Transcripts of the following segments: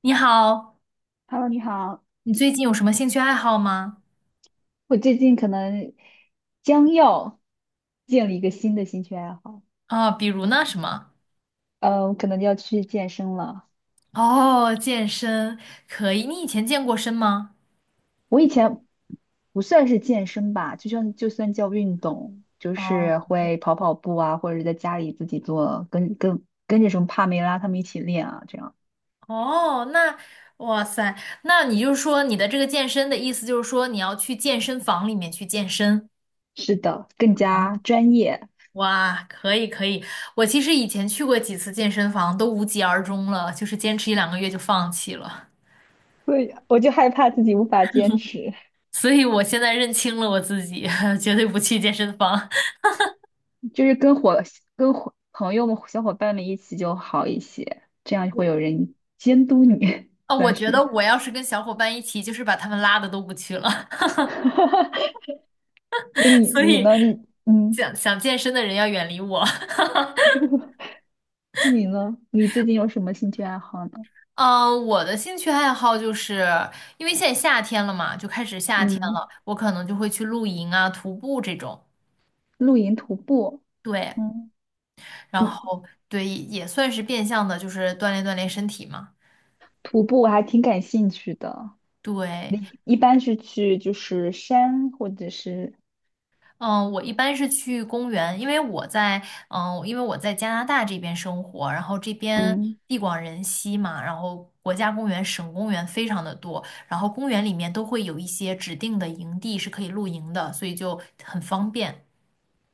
你好，Hello，你好。你最近有什么兴趣爱好吗？我最近可能将要建立一个新的兴趣爱好，啊，比如呢，什么？我可能要去健身了。哦，健身可以。你以前健过身吗？我以前不算是健身吧，就算叫运动，就哦是会跑跑步啊，或者是在家里自己做，跟着什么帕梅拉他们一起练啊，这样。哦，那哇塞，那你就是说你的这个健身的意思就是说你要去健身房里面去健身？是的，更加专业。哇，可以可以。我其实以前去过几次健身房，都无疾而终了，就是坚持一两个月就放弃了。对，我就害怕自己无法坚持。所以我现在认清了我自己，绝对不去健身房。就是跟朋友们、小伙伴们一起就好一些，这样会有人监督你，啊、我算觉得是。我要是跟小伙伴一起，就是把他们拉的都不去了，那 你所你以呢？想想健身的人要远离我。那你呢？你最近有什么兴趣爱好呢？嗯、我的兴趣爱好就是因为现在夏天了嘛，就开始夏天了，嗯，我可能就会去露营啊、徒步这种。露营、徒步。对，嗯。然嗯，后对，也算是变相的，就是锻炼锻炼身体嘛。徒步我还挺感兴趣的。对，你一般是去就是山或者是嗯，我一般是去公园，因为我在嗯，因为我在加拿大这边生活，然后这边嗯。地广人稀嘛，然后国家公园、省公园非常的多，然后公园里面都会有一些指定的营地是可以露营的，所以就很方便。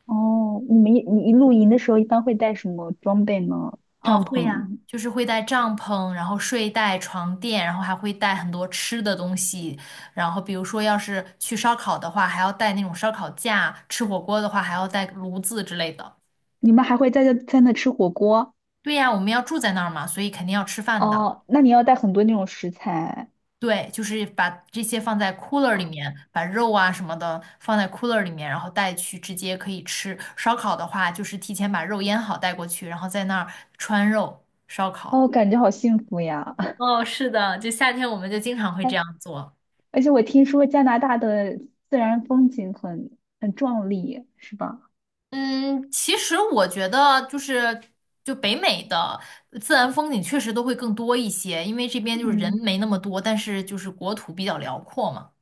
哦，你们一你露营的时候一般会带什么装备呢？嗯，帐会呀，篷？就是会带帐篷，然后睡袋、床垫，然后还会带很多吃的东西，然后比如说要是去烧烤的话，还要带那种烧烤架，吃火锅的话还要带炉子之类的。你们还会在那吃火锅？对呀，我们要住在那儿嘛，所以肯定要吃饭的。哦，那你要带很多那种食材，对，就是把这些放在 cooler 里面，把肉啊什么的放在 cooler 里面，然后带去直接可以吃。烧烤的话，就是提前把肉腌好带过去，然后在那儿穿肉烧哦，烤。感觉好幸福呀！哦，是的，就夏天我们就经常 会这样哎，做。而且我听说加拿大的自然风景很壮丽，是吧？嗯，其实我觉得就是就北美的自然风景确实都会更多一些，因为这边就是人嗯。没那么多，但是就是国土比较辽阔嘛。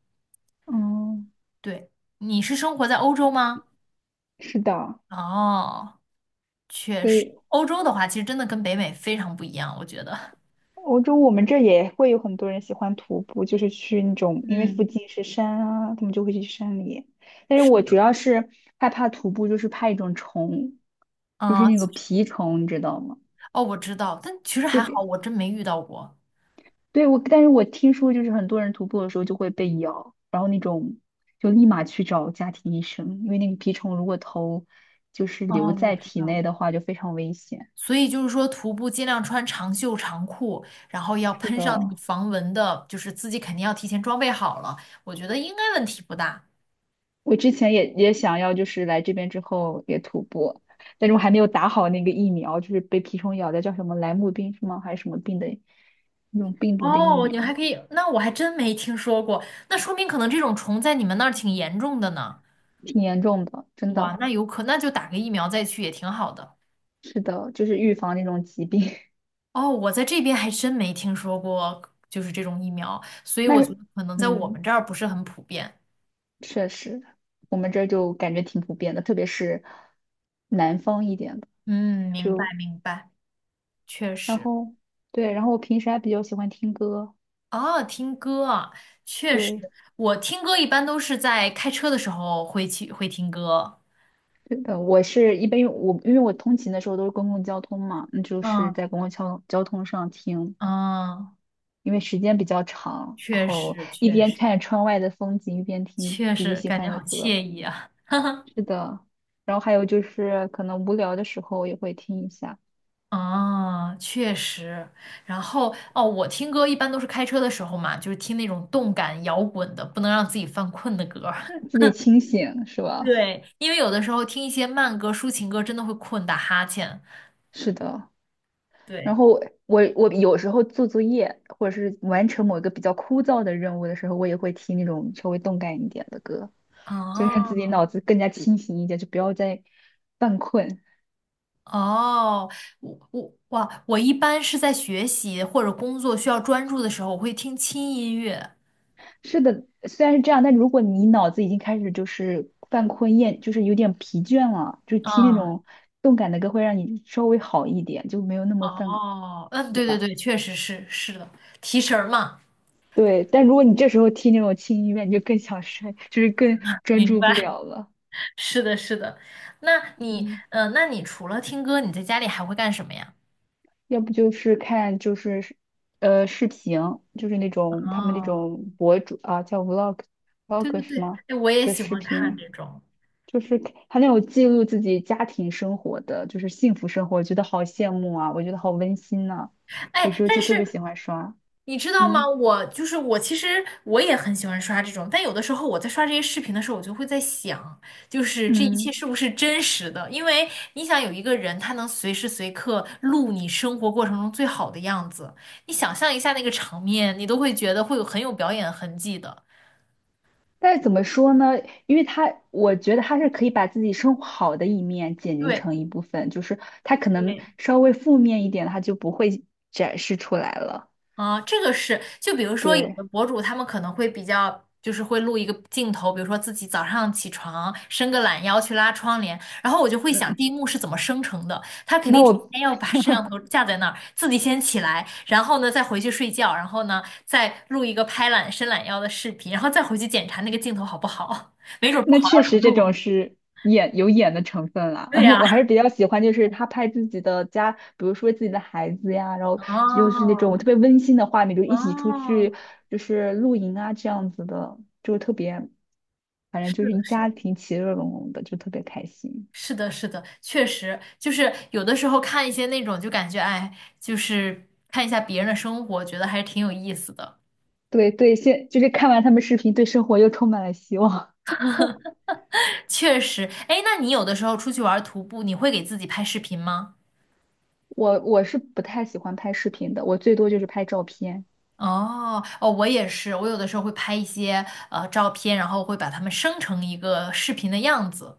嗯，对，你是生活在欧洲吗？是的，哦，确所实，以欧洲的话，其实真的跟北美非常不一样，我觉得。欧洲我们这儿也会有很多人喜欢徒步，就是去那种，因为附嗯，近是山啊，他们就会去山里。但是是我主的，要是害怕徒步，就是怕一种虫，就是啊、那个其实蜱虫，你知道吗？哦，我知道，但其实这还好，边我真没遇到过。对，我，但是我听说就是很多人徒步的时候就会被咬，然后那种就立马去找家庭医生，因为那个蜱虫如果头就是留哦，我在知体道。内的话就非常危险。所以就是说，徒步尽量穿长袖长裤，然后要是喷上那的，个防蚊的，就是自己肯定要提前装备好了。我觉得应该问题不大。我之前也想要就是来这边之后也徒步，但是我嗯，还没有打好那个疫苗，就是被蜱虫咬的叫什么莱姆病是吗？还是什么病的那种病毒的疫哦，苗，你们还可以，那我还真没听说过，那说明可能这种虫在你们那儿挺严重的呢。挺严重的，真的哇，那有可，那就打个疫苗再去也挺好的。是的，就是预防那种疾病。哦，我在这边还真没听说过，就是这种疫苗，所以那我觉得可能在我嗯。们这儿不是很普遍。确实，我们这儿就感觉挺普遍的，特别是南方一点的，嗯，明白就明白，确然实。后对，然后我平时还比较喜欢听歌，哦，听歌啊，确实，对，我听歌一般都是在开车的时候会去会听歌。我是一般因为我通勤的时候都是公共交通嘛，那就是嗯在公共交通上听，嗯，因为时间比较长，然确后实一确边实看着窗外的风景，一边听确自己实，喜感欢觉好的歌，惬意啊。是的，然后还有就是可能无聊的时候也会听一下，啊，确实。然后哦，我听歌一般都是开车的时候嘛，就是听那种动感摇滚的，不能让自己犯困的歌。让自己清醒，是吧？对，因为有的时候听一些慢歌、抒情歌，真的会困打哈欠。是的。然对，后我有时候做作业或者是完成某一个比较枯燥的任务的时候，我也会听那种稍微动感一点的歌，就让自己哦脑子更加清醒一点，就不要再犯困。哦，我，我一般是在学习或者工作需要专注的时候，我会听轻音乐。是的，虽然是这样，但如果你脑子已经开始就是犯困厌，就是有点疲倦了，就听那嗯，种动感的歌会让你稍微好一点，就没有那么犯，哦，嗯，对对对吧？对，确实是是的，提神儿嘛，对，但如果你这时候听那种轻音乐，你就更想睡，就是更专明注不白，了了。是的，是的。那你，嗯。嗯、那你除了听歌，你在家里还会干什么呀？要不就是看就是视频，就是那种他们那哦，种博主啊，叫 vlog 对 vlog 对什对，么哎，我也的喜视欢看频，这种。就是他那种记录自己家庭生活的，就是幸福生活，我觉得好羡慕啊，我觉得好温馨呐、有哎，时候但就特别是喜欢刷，你知道吗？嗯。我就是我，其实我也很喜欢刷这种，但有的时候我在刷这些视频的时候，我就会在想，就是这一切嗯。是不是真实的？因为你想有一个人，他能随时随刻录你生活过程中最好的样子，你想象一下那个场面，你都会觉得会有很有表演痕迹的。但是怎么说呢？因为他，我觉得他是可以把自己生活好的一面剪辑对，成一部分，就是他可能对稍微负面一点，他就不会展示出来了。啊，这个是，就比如说有的对。博主他们可能会比较，就是会录一个镜头，比如说自己早上起床伸个懒腰去拉窗帘，然后我就会想嗯，第一幕是怎么生成的，他肯那定提我前要把摄像头架在那儿，自己先起来，然后呢再回去睡觉，然后呢再录一个拍懒伸懒腰的视频，然后再回去检查那个镜头好不好，没准儿不那好确要重实这种录。是演有演的成分啦，对 呀，我还是比较喜欢，就是他拍自己的家，比如说自己的孩子呀，然后就是那哦种特别温馨的画面，就一起出哦，去就是露营啊这样子的，就特别，反正是就是的，一是的，家庭其乐融融的，就特别开心。是的，是的，确实，就是有的时候看一些那种，就感觉哎，就是看一下别人的生活，觉得还是挺有意思的。对对，现就是看完他们视频，对生活又充满了希望。确实，哎，那你有的时候出去玩儿徒步，你会给自己拍视频吗？我是不太喜欢拍视频的，我最多就是拍照片。哦，哦，我也是，我有的时候会拍一些照片，然后会把它们生成一个视频的样子。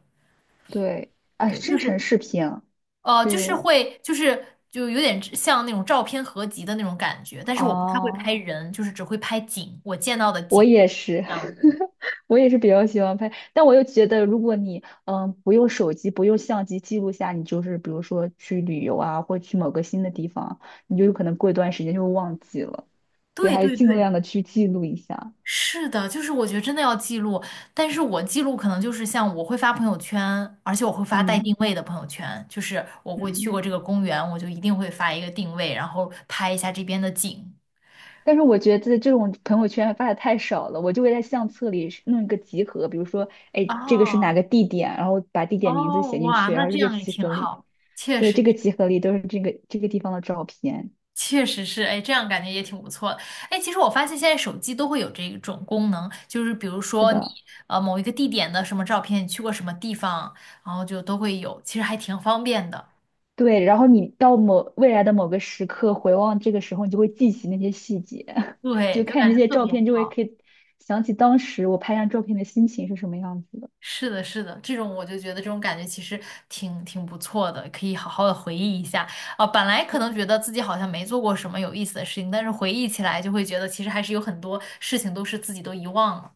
对，啊，对，就生成是视频啊就是是。会，就是有点像那种照片合集的那种感觉，但是我不太会拍哦，人，就是只会拍景，我见到的我景也是，这样子。我也是比较喜欢拍，但我又觉得，如果你不用手机、不用相机记录下，你就是比如说去旅游啊，或去某个新的地方，你就有可能过一段时间就会忘记了，所以对还是对尽对。量的去记录一下。是的，就是我觉得真的要记录，但是我记录可能就是像我会发朋友圈，而且我会发带定嗯。位的朋友圈，就是我会去过嗯。这个公园，我就一定会发一个定位，然后拍一下这边的景。但是我觉得这种朋友圈发的太少了，我就会在相册里是弄一个集合，比如说，哎，这个是哪哦个地点，然后把地点名字哦，写进哇，去，然那后这这个样也集挺合里，好，确对，实这个集合里都是这个地方的照片。确实是，哎，这样感觉也挺不错的。哎，其实我发现现在手机都会有这种功能，就是比如是说你的，某一个地点的什么照片，你去过什么地方，然后就都会有，其实还挺方便的。对，然后你到某未来的某个时刻回望这个时候，你就会记起那些细节，就对，就看感这觉些特照别片就会好。可以想起当时我拍张照片的心情是什么样子的。是的，是的，这种我就觉得这种感觉其实挺不错的，可以好好的回忆一下。啊、本来可能觉得自己好像没做过什么有意思的事情，但是回忆起来就会觉得其实还是有很多事情都是自己都遗忘了。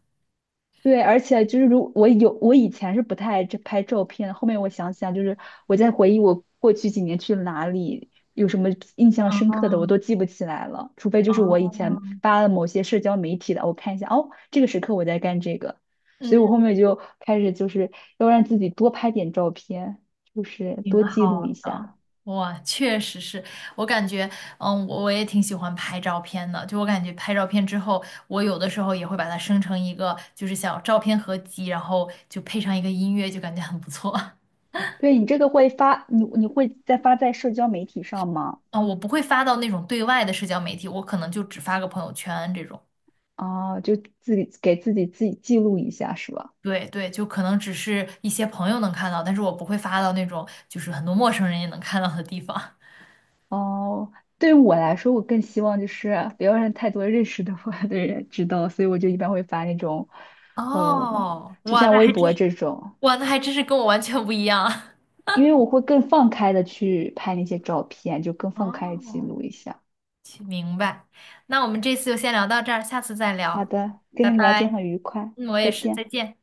对，而且就是如我有我以前是不太爱这拍照片后面我想想，就是我在回忆我过去几年去了哪里，有什么印象深刻的，我都嗯，记不起来了，除非就是我以哦，前发了某些社交媒体的，我看一下，哦，这个时刻我在干这个，所以我后嗯，面就开始就是要让自己多拍点照片，就是挺多记好录一的。下。哇，确实是我感觉，嗯，我也挺喜欢拍照片的。就我感觉拍照片之后，我有的时候也会把它生成一个就是小照片合集，然后就配上一个音乐，就感觉很不错。对，你这个会发，你会再发在社交媒体上吗？啊，我不会发到那种对外的社交媒体，我可能就只发个朋友圈这种。啊，就自己给自己记录一下是吧？对对，就可能只是一些朋友能看到，但是我不会发到那种就是很多陌生人也能看到的地方。哦，对于我来说，我更希望就是不要让太多认识的我的人知道，所以我就一般会发那种，呃，哦，就哇，像那微还真博是，这种，哇，那还真是跟我完全不一样。因为我会更放开的去拍那些照片，就更 放开地记哦，录一下。行明白。那我们这次就先聊到这儿，下次再好聊，的，跟拜你聊天拜。很愉快，嗯，我再也是，再见。见。